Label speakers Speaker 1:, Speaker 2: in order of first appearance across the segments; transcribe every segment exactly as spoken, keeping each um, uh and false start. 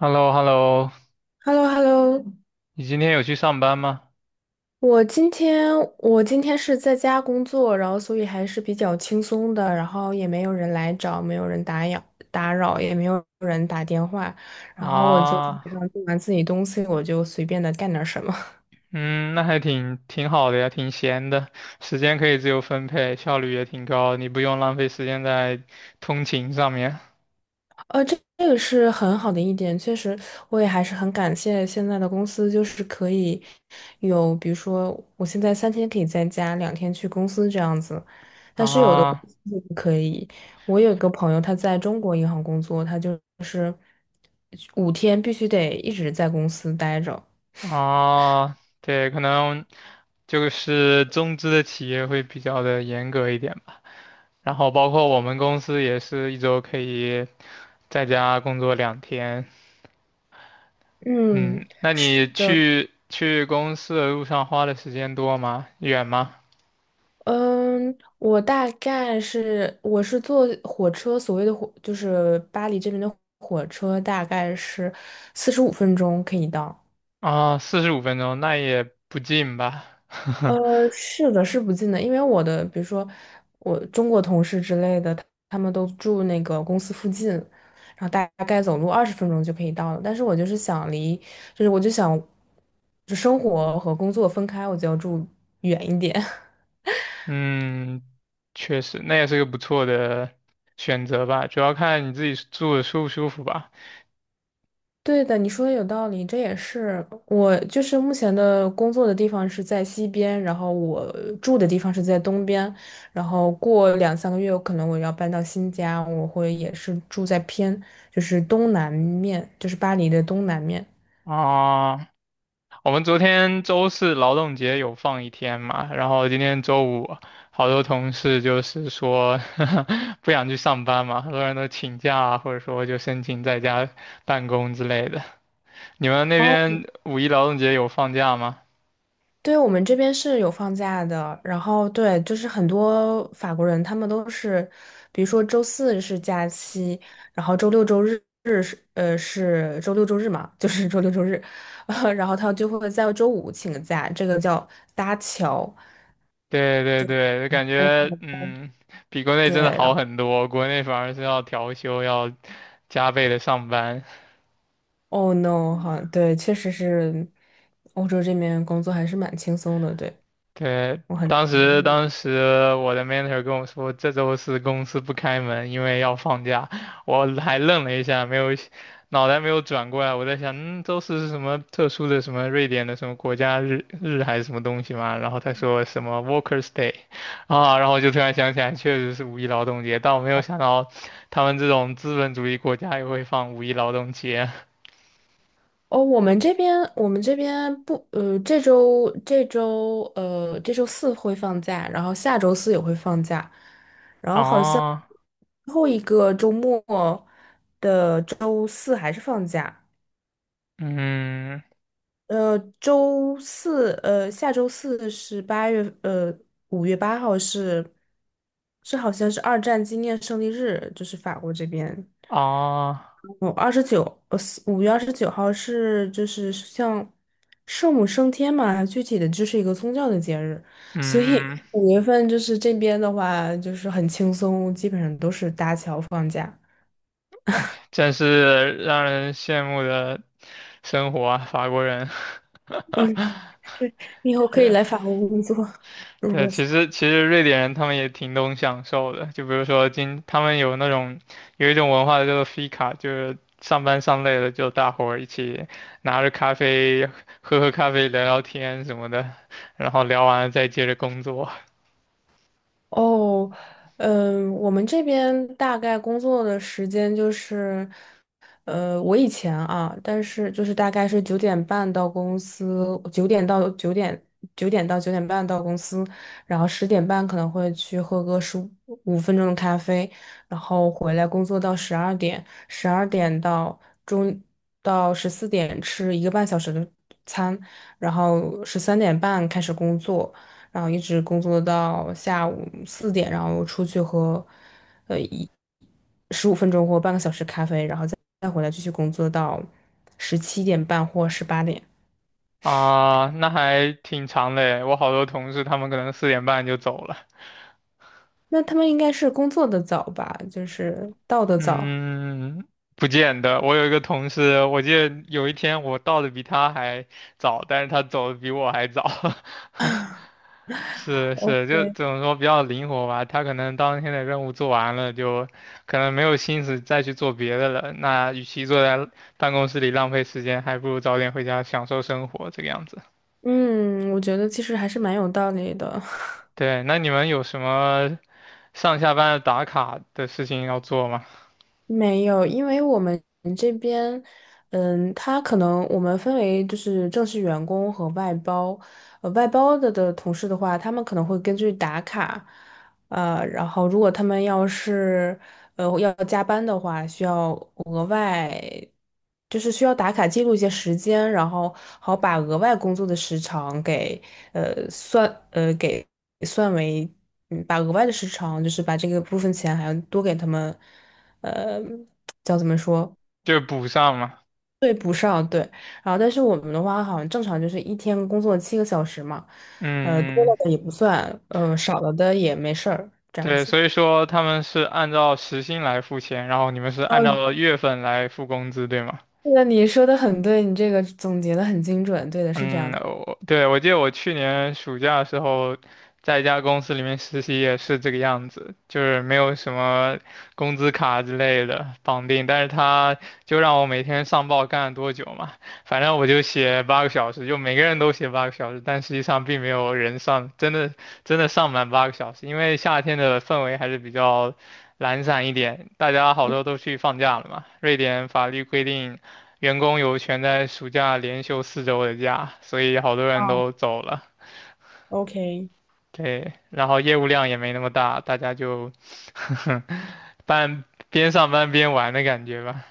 Speaker 1: h e l l o h e l l o
Speaker 2: h e l l o h e l l o
Speaker 1: 你今天有去上班吗？
Speaker 2: 我今天我今天是在家工作，然后所以还是比较轻松的，然后也没有人来找，没有人打扰打扰，也没有人打电话，然后我就基
Speaker 1: 啊，
Speaker 2: 本上做完自己东西，我就随便的干点什么。
Speaker 1: 嗯，那还挺挺好的呀，挺闲的，时间可以自由分配，效率也挺高，你不用浪费时间在通勤上面。
Speaker 2: 呃，这这个是很好的一点，确实，我也还是很感谢现在的公司，就是可以有，比如说我现在三天可以在家，两天去公司这样子，但是有的公
Speaker 1: 啊
Speaker 2: 司就不可以。我有一个朋友，他在中国银行工作，他就是五天必须得一直在公司待着。
Speaker 1: 啊，对，可能就是中资的企业会比较的严格一点吧，然后包括我们公司也是一周可以在家工作两天。嗯，
Speaker 2: 嗯
Speaker 1: 那你去去公司的路上花的时间多吗？远吗？
Speaker 2: 嗯，我大概是我是坐火车，所谓的火就是巴黎这边的火车，大概是四十五分钟可以到。
Speaker 1: 啊，四十五分钟，那也不近吧？
Speaker 2: 呃，是的，是不近的，因为我的，比如说我中国同事之类的，他们都住那个公司附近，然后大概走路二十分钟就可以到了。但是我就是想离，就是我就想，就生活和工作分开，我就要住远一点。
Speaker 1: 嗯，确实，那也是个不错的选择吧，主要看你自己住的舒不舒服吧。
Speaker 2: 对的，你说的有道理，这也是我就是目前的工作的地方是在西边，然后我住的地方是在东边，然后过两三个月可能我要搬到新家，我会也是住在偏就是东南面，就是巴黎的东南面。
Speaker 1: 啊，我们昨天周四劳动节有放一天嘛，然后今天周五，好多同事就是说 不想去上班嘛，很多人都请假啊，或者说就申请在家办公之类的。你们那边五一劳动节有放假吗？
Speaker 2: 对，我们这边是有放假的，然后对，就是很多法国人他们都是，比如说周四是假期，然后周六周日是呃是周六周日嘛，就是周六周日，呃，然后他就会在周五请个假，这个叫搭桥。
Speaker 1: 对对对，就感觉嗯，比国内
Speaker 2: 对，
Speaker 1: 真的
Speaker 2: 然
Speaker 1: 好
Speaker 2: 后
Speaker 1: 很多，国内反而是要调休，要加倍的上班。
Speaker 2: oh no 哈，对，确实是欧洲这边工作还是蛮轻松的，对，
Speaker 1: 对，
Speaker 2: 我很。
Speaker 1: 当时当时我的 mentor 跟我说，这周四公司不开门，因为要放假。我还愣了一下，没有脑袋没有转过来，我在想，嗯，周四是什么特殊的什么瑞典的什么国家日日还是什么东西嘛？然后他说什么 Workers' Day 啊，然后我就突然想起来，确实是五一劳动节，但我没有想到他们这种资本主义国家也会放五一劳动节。
Speaker 2: 哦，我们这边我们这边不，呃，这周这周呃这周四会放假，然后下周四也会放假，然后好像
Speaker 1: 哦，
Speaker 2: 最后一个周末的周四还是放假，
Speaker 1: 嗯，
Speaker 2: 呃，周四呃下周四是八月呃五月八号是是好像是二战纪念胜利日，就是法国这边。
Speaker 1: 哦，
Speaker 2: 我二十九，呃，五月二十九号是就是像圣母升天嘛，具体的就是一个宗教的节日，所以
Speaker 1: 嗯嗯。
Speaker 2: 五月份就是这边的话就是很轻松，基本上都是搭桥放假，
Speaker 1: 真是让人羡慕的生活啊，法国人。
Speaker 2: 你以后可以
Speaker 1: 对
Speaker 2: 来法国工作，如果
Speaker 1: 对，其实其实瑞典人他们也挺懂享受的，就比如说今他们有那种有一种文化叫做 fika，就是上班上累了就大伙儿一起拿着咖啡喝喝咖啡聊聊天什么的，然后聊完了再接着工作
Speaker 2: 哦，嗯，我们这边大概工作的时间就是，呃，我以前啊，但是就是大概是九点半到公司，九点到九点，九点到九点半到公司，然后十点半可能会去喝个十五分钟的咖啡，然后回来工作到十二点，十二点到中到十四点吃一个半小时的餐，然后十三点半开始工作。然后一直工作到下午四点，然后出去喝呃一十五分钟或半个小时咖啡，然后再再回来继续工作到十七点半或十八点。
Speaker 1: 啊，那还挺长的诶，我好多同事他们可能四点半就走了。
Speaker 2: 那他们应该是工作的早吧，就是到的早。
Speaker 1: 嗯，不见得。我有一个同事，我记得有一天我到的比他还早，但是他走的比我还早。是是，就
Speaker 2: OK，
Speaker 1: 怎么说比较灵活吧。他可能当天的任务做完了，就可能没有心思再去做别的了。那与其坐在办公室里浪费时间，还不如早点回家享受生活这个样子。
Speaker 2: 嗯，我觉得其实还是蛮有道理的。
Speaker 1: 对，那你们有什么上下班打卡的事情要做吗？
Speaker 2: 没有，因为我们这边，嗯，他可能我们分为就是正式员工和外包，呃，外包的的同事的话，他们可能会根据打卡，呃，然后如果他们要是呃要加班的话，需要额外，就是需要打卡记录一些时间，然后好把额外工作的时长给呃算呃给算为，嗯把额外的时长就是把这个部分钱还要多给他们。呃，叫怎么说？
Speaker 1: 就是补上嘛。
Speaker 2: 然后，但是我们的话，好像正常就是一天工作七个小时嘛，呃，多
Speaker 1: 嗯
Speaker 2: 了的
Speaker 1: 嗯
Speaker 2: 也不算，呃，少了的也没事儿，这样
Speaker 1: 对，
Speaker 2: 子。
Speaker 1: 所以说他们是按照时薪来付钱，然后你们是按
Speaker 2: 嗯，
Speaker 1: 照月份来付工资，对吗？
Speaker 2: 对的，你说的很对，你这个总结的很精准，对的，是这
Speaker 1: 嗯，
Speaker 2: 样子。
Speaker 1: 我对我记得我去年暑假的时候，在一家公司里面实习也是这个样子，就是没有什么工资卡之类的绑定，但是他就让我每天上报干了多久嘛，反正我就写八个小时，就每个人都写八个小时，但实际上并没有人上，真的真的上满八个小时，因为夏天的氛围还是比较懒散一点，大家好多都去放假了嘛，瑞典法律规定。员工有权在暑假连休四周的假，所以好多人
Speaker 2: 嗯
Speaker 1: 都走了。
Speaker 2: ，OK。
Speaker 1: 对，然后业务量也没那么大，大家就 半边上班边玩的感觉吧。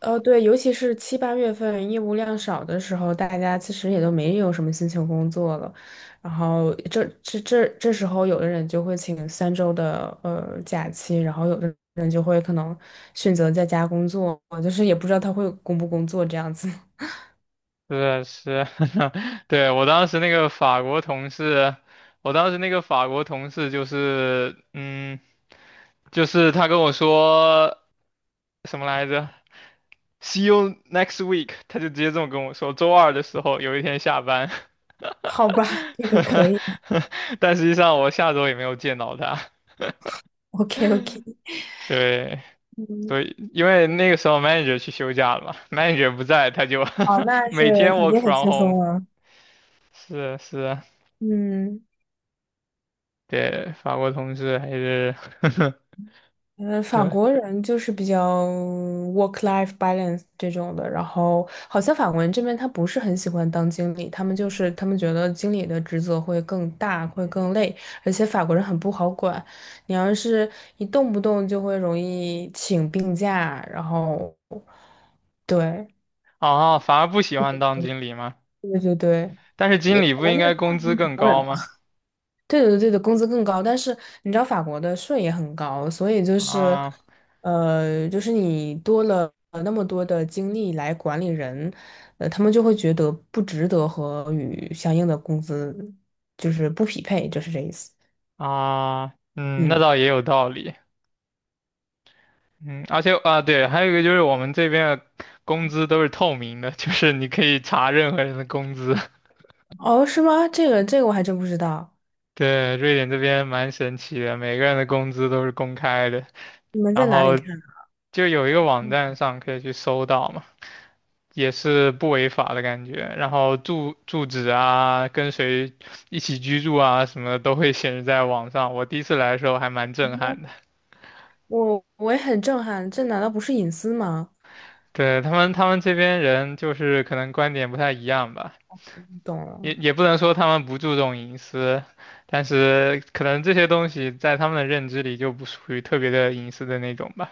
Speaker 2: 呃，对，尤其是七八月份业务量少的时候，大家其实也都没有什么心情工作了。然后这这这这时候，有的人就会请三周的呃假期，然后有的人就会可能选择在家工作，就是也不知道他会工不工作这样子。
Speaker 1: 是是，对，我当时那个法国同事，我当时那个法国同事就是，嗯，就是他跟我说什么来着？See you next week，他就直接这么跟我说。周二的时候有一天下班，
Speaker 2: 好吧，这个可 以的。
Speaker 1: 但实际上我下周也没有见到他。
Speaker 2: OK OK，
Speaker 1: 对，
Speaker 2: 嗯，
Speaker 1: 所以因为那个时候 manager 去休假了嘛，manager 不在，他就
Speaker 2: 哦，那
Speaker 1: 每
Speaker 2: 是
Speaker 1: 天
Speaker 2: 肯
Speaker 1: work
Speaker 2: 定很
Speaker 1: from
Speaker 2: 轻
Speaker 1: home。
Speaker 2: 松了，
Speaker 1: 是是，
Speaker 2: 嗯。
Speaker 1: 对，法国同事还是
Speaker 2: 嗯，法
Speaker 1: 对
Speaker 2: 国人就是比较 work-life balance 这种的，然后好像法国人这边他不是很喜欢当经理，他们就是他们觉得经理的职责会更大，会更累，而且法国人很不好管，你要是一动不动就会容易请病假，然后对
Speaker 1: 啊，反而不喜欢当经理吗？
Speaker 2: 对对对，
Speaker 1: 但是经
Speaker 2: 也
Speaker 1: 理
Speaker 2: 可
Speaker 1: 不
Speaker 2: 能
Speaker 1: 应
Speaker 2: 是
Speaker 1: 该
Speaker 2: 大
Speaker 1: 工资
Speaker 2: 部分法
Speaker 1: 更
Speaker 2: 国人
Speaker 1: 高
Speaker 2: 吧。
Speaker 1: 吗？
Speaker 2: 对的，对的，工资更高，但是你知道法国的税也很高，所以就是，
Speaker 1: 啊
Speaker 2: 呃，就是你多了那么多的精力来管理人，呃，他们就会觉得不值得和与相应的工资就是不匹配，就是这意思。
Speaker 1: 啊，嗯，那
Speaker 2: 嗯，
Speaker 1: 倒也有道理。嗯，而且啊，对，还有一个就是我们这边的工资都是透明的，就是你可以查任何人的工资。
Speaker 2: 哦，是吗？这个这个我还真不知道，
Speaker 1: 对，瑞典这边蛮神奇的，每个人的工资都是公开的，
Speaker 2: 你们在
Speaker 1: 然
Speaker 2: 哪里
Speaker 1: 后
Speaker 2: 看啊
Speaker 1: 就有一个网站上可以去搜到嘛，也是不违法的感觉。然后住住址啊，跟谁一起居住啊，什么的都会显示在网上。我第一次来的时候还蛮震撼的。
Speaker 2: 我我也很震撼，这难道不是隐私吗？
Speaker 1: 对，他们，他们这边人就是可能观点不太一样吧。
Speaker 2: 懂
Speaker 1: 也
Speaker 2: 了
Speaker 1: 也不能说他们不注重隐私，但是可能这些东西在他们的认知里就不属于特别的隐私的那种吧。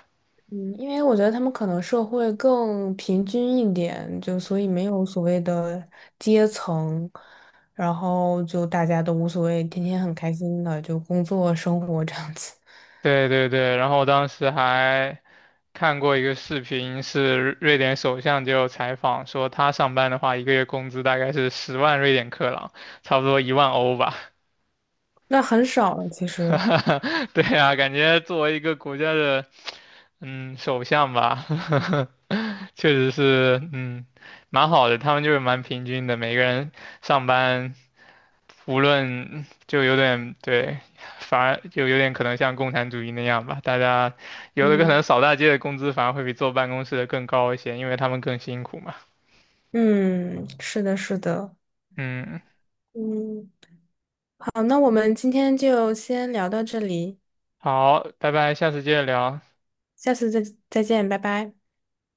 Speaker 2: 嗯，因为我觉得他们可能社会更平均一点，就所以没有所谓的阶层，然后就大家都无所谓，天天很开心的就工作生活这样子，
Speaker 1: 对对对，然后我当时还看过一个视频，是瑞典首相就有采访说，他上班的话，一个月工资大概是十万瑞典克朗，差不多一万欧吧。
Speaker 2: 那很少了其实。
Speaker 1: 对啊，感觉作为一个国家的嗯首相吧，确实是嗯蛮好的，他们就是蛮平均的，每个人上班。无论就有点对，反而就有点可能像共产主义那样吧。大家有的可
Speaker 2: 嗯，
Speaker 1: 能扫大街的工资反而会比坐办公室的更高一些，因为他们更辛苦嘛。
Speaker 2: 嗯，是的，是的。
Speaker 1: 嗯，
Speaker 2: 嗯，好，那我们今天就先聊到这里，
Speaker 1: 好，拜拜，下次接着聊。
Speaker 2: 下次再再见，拜拜。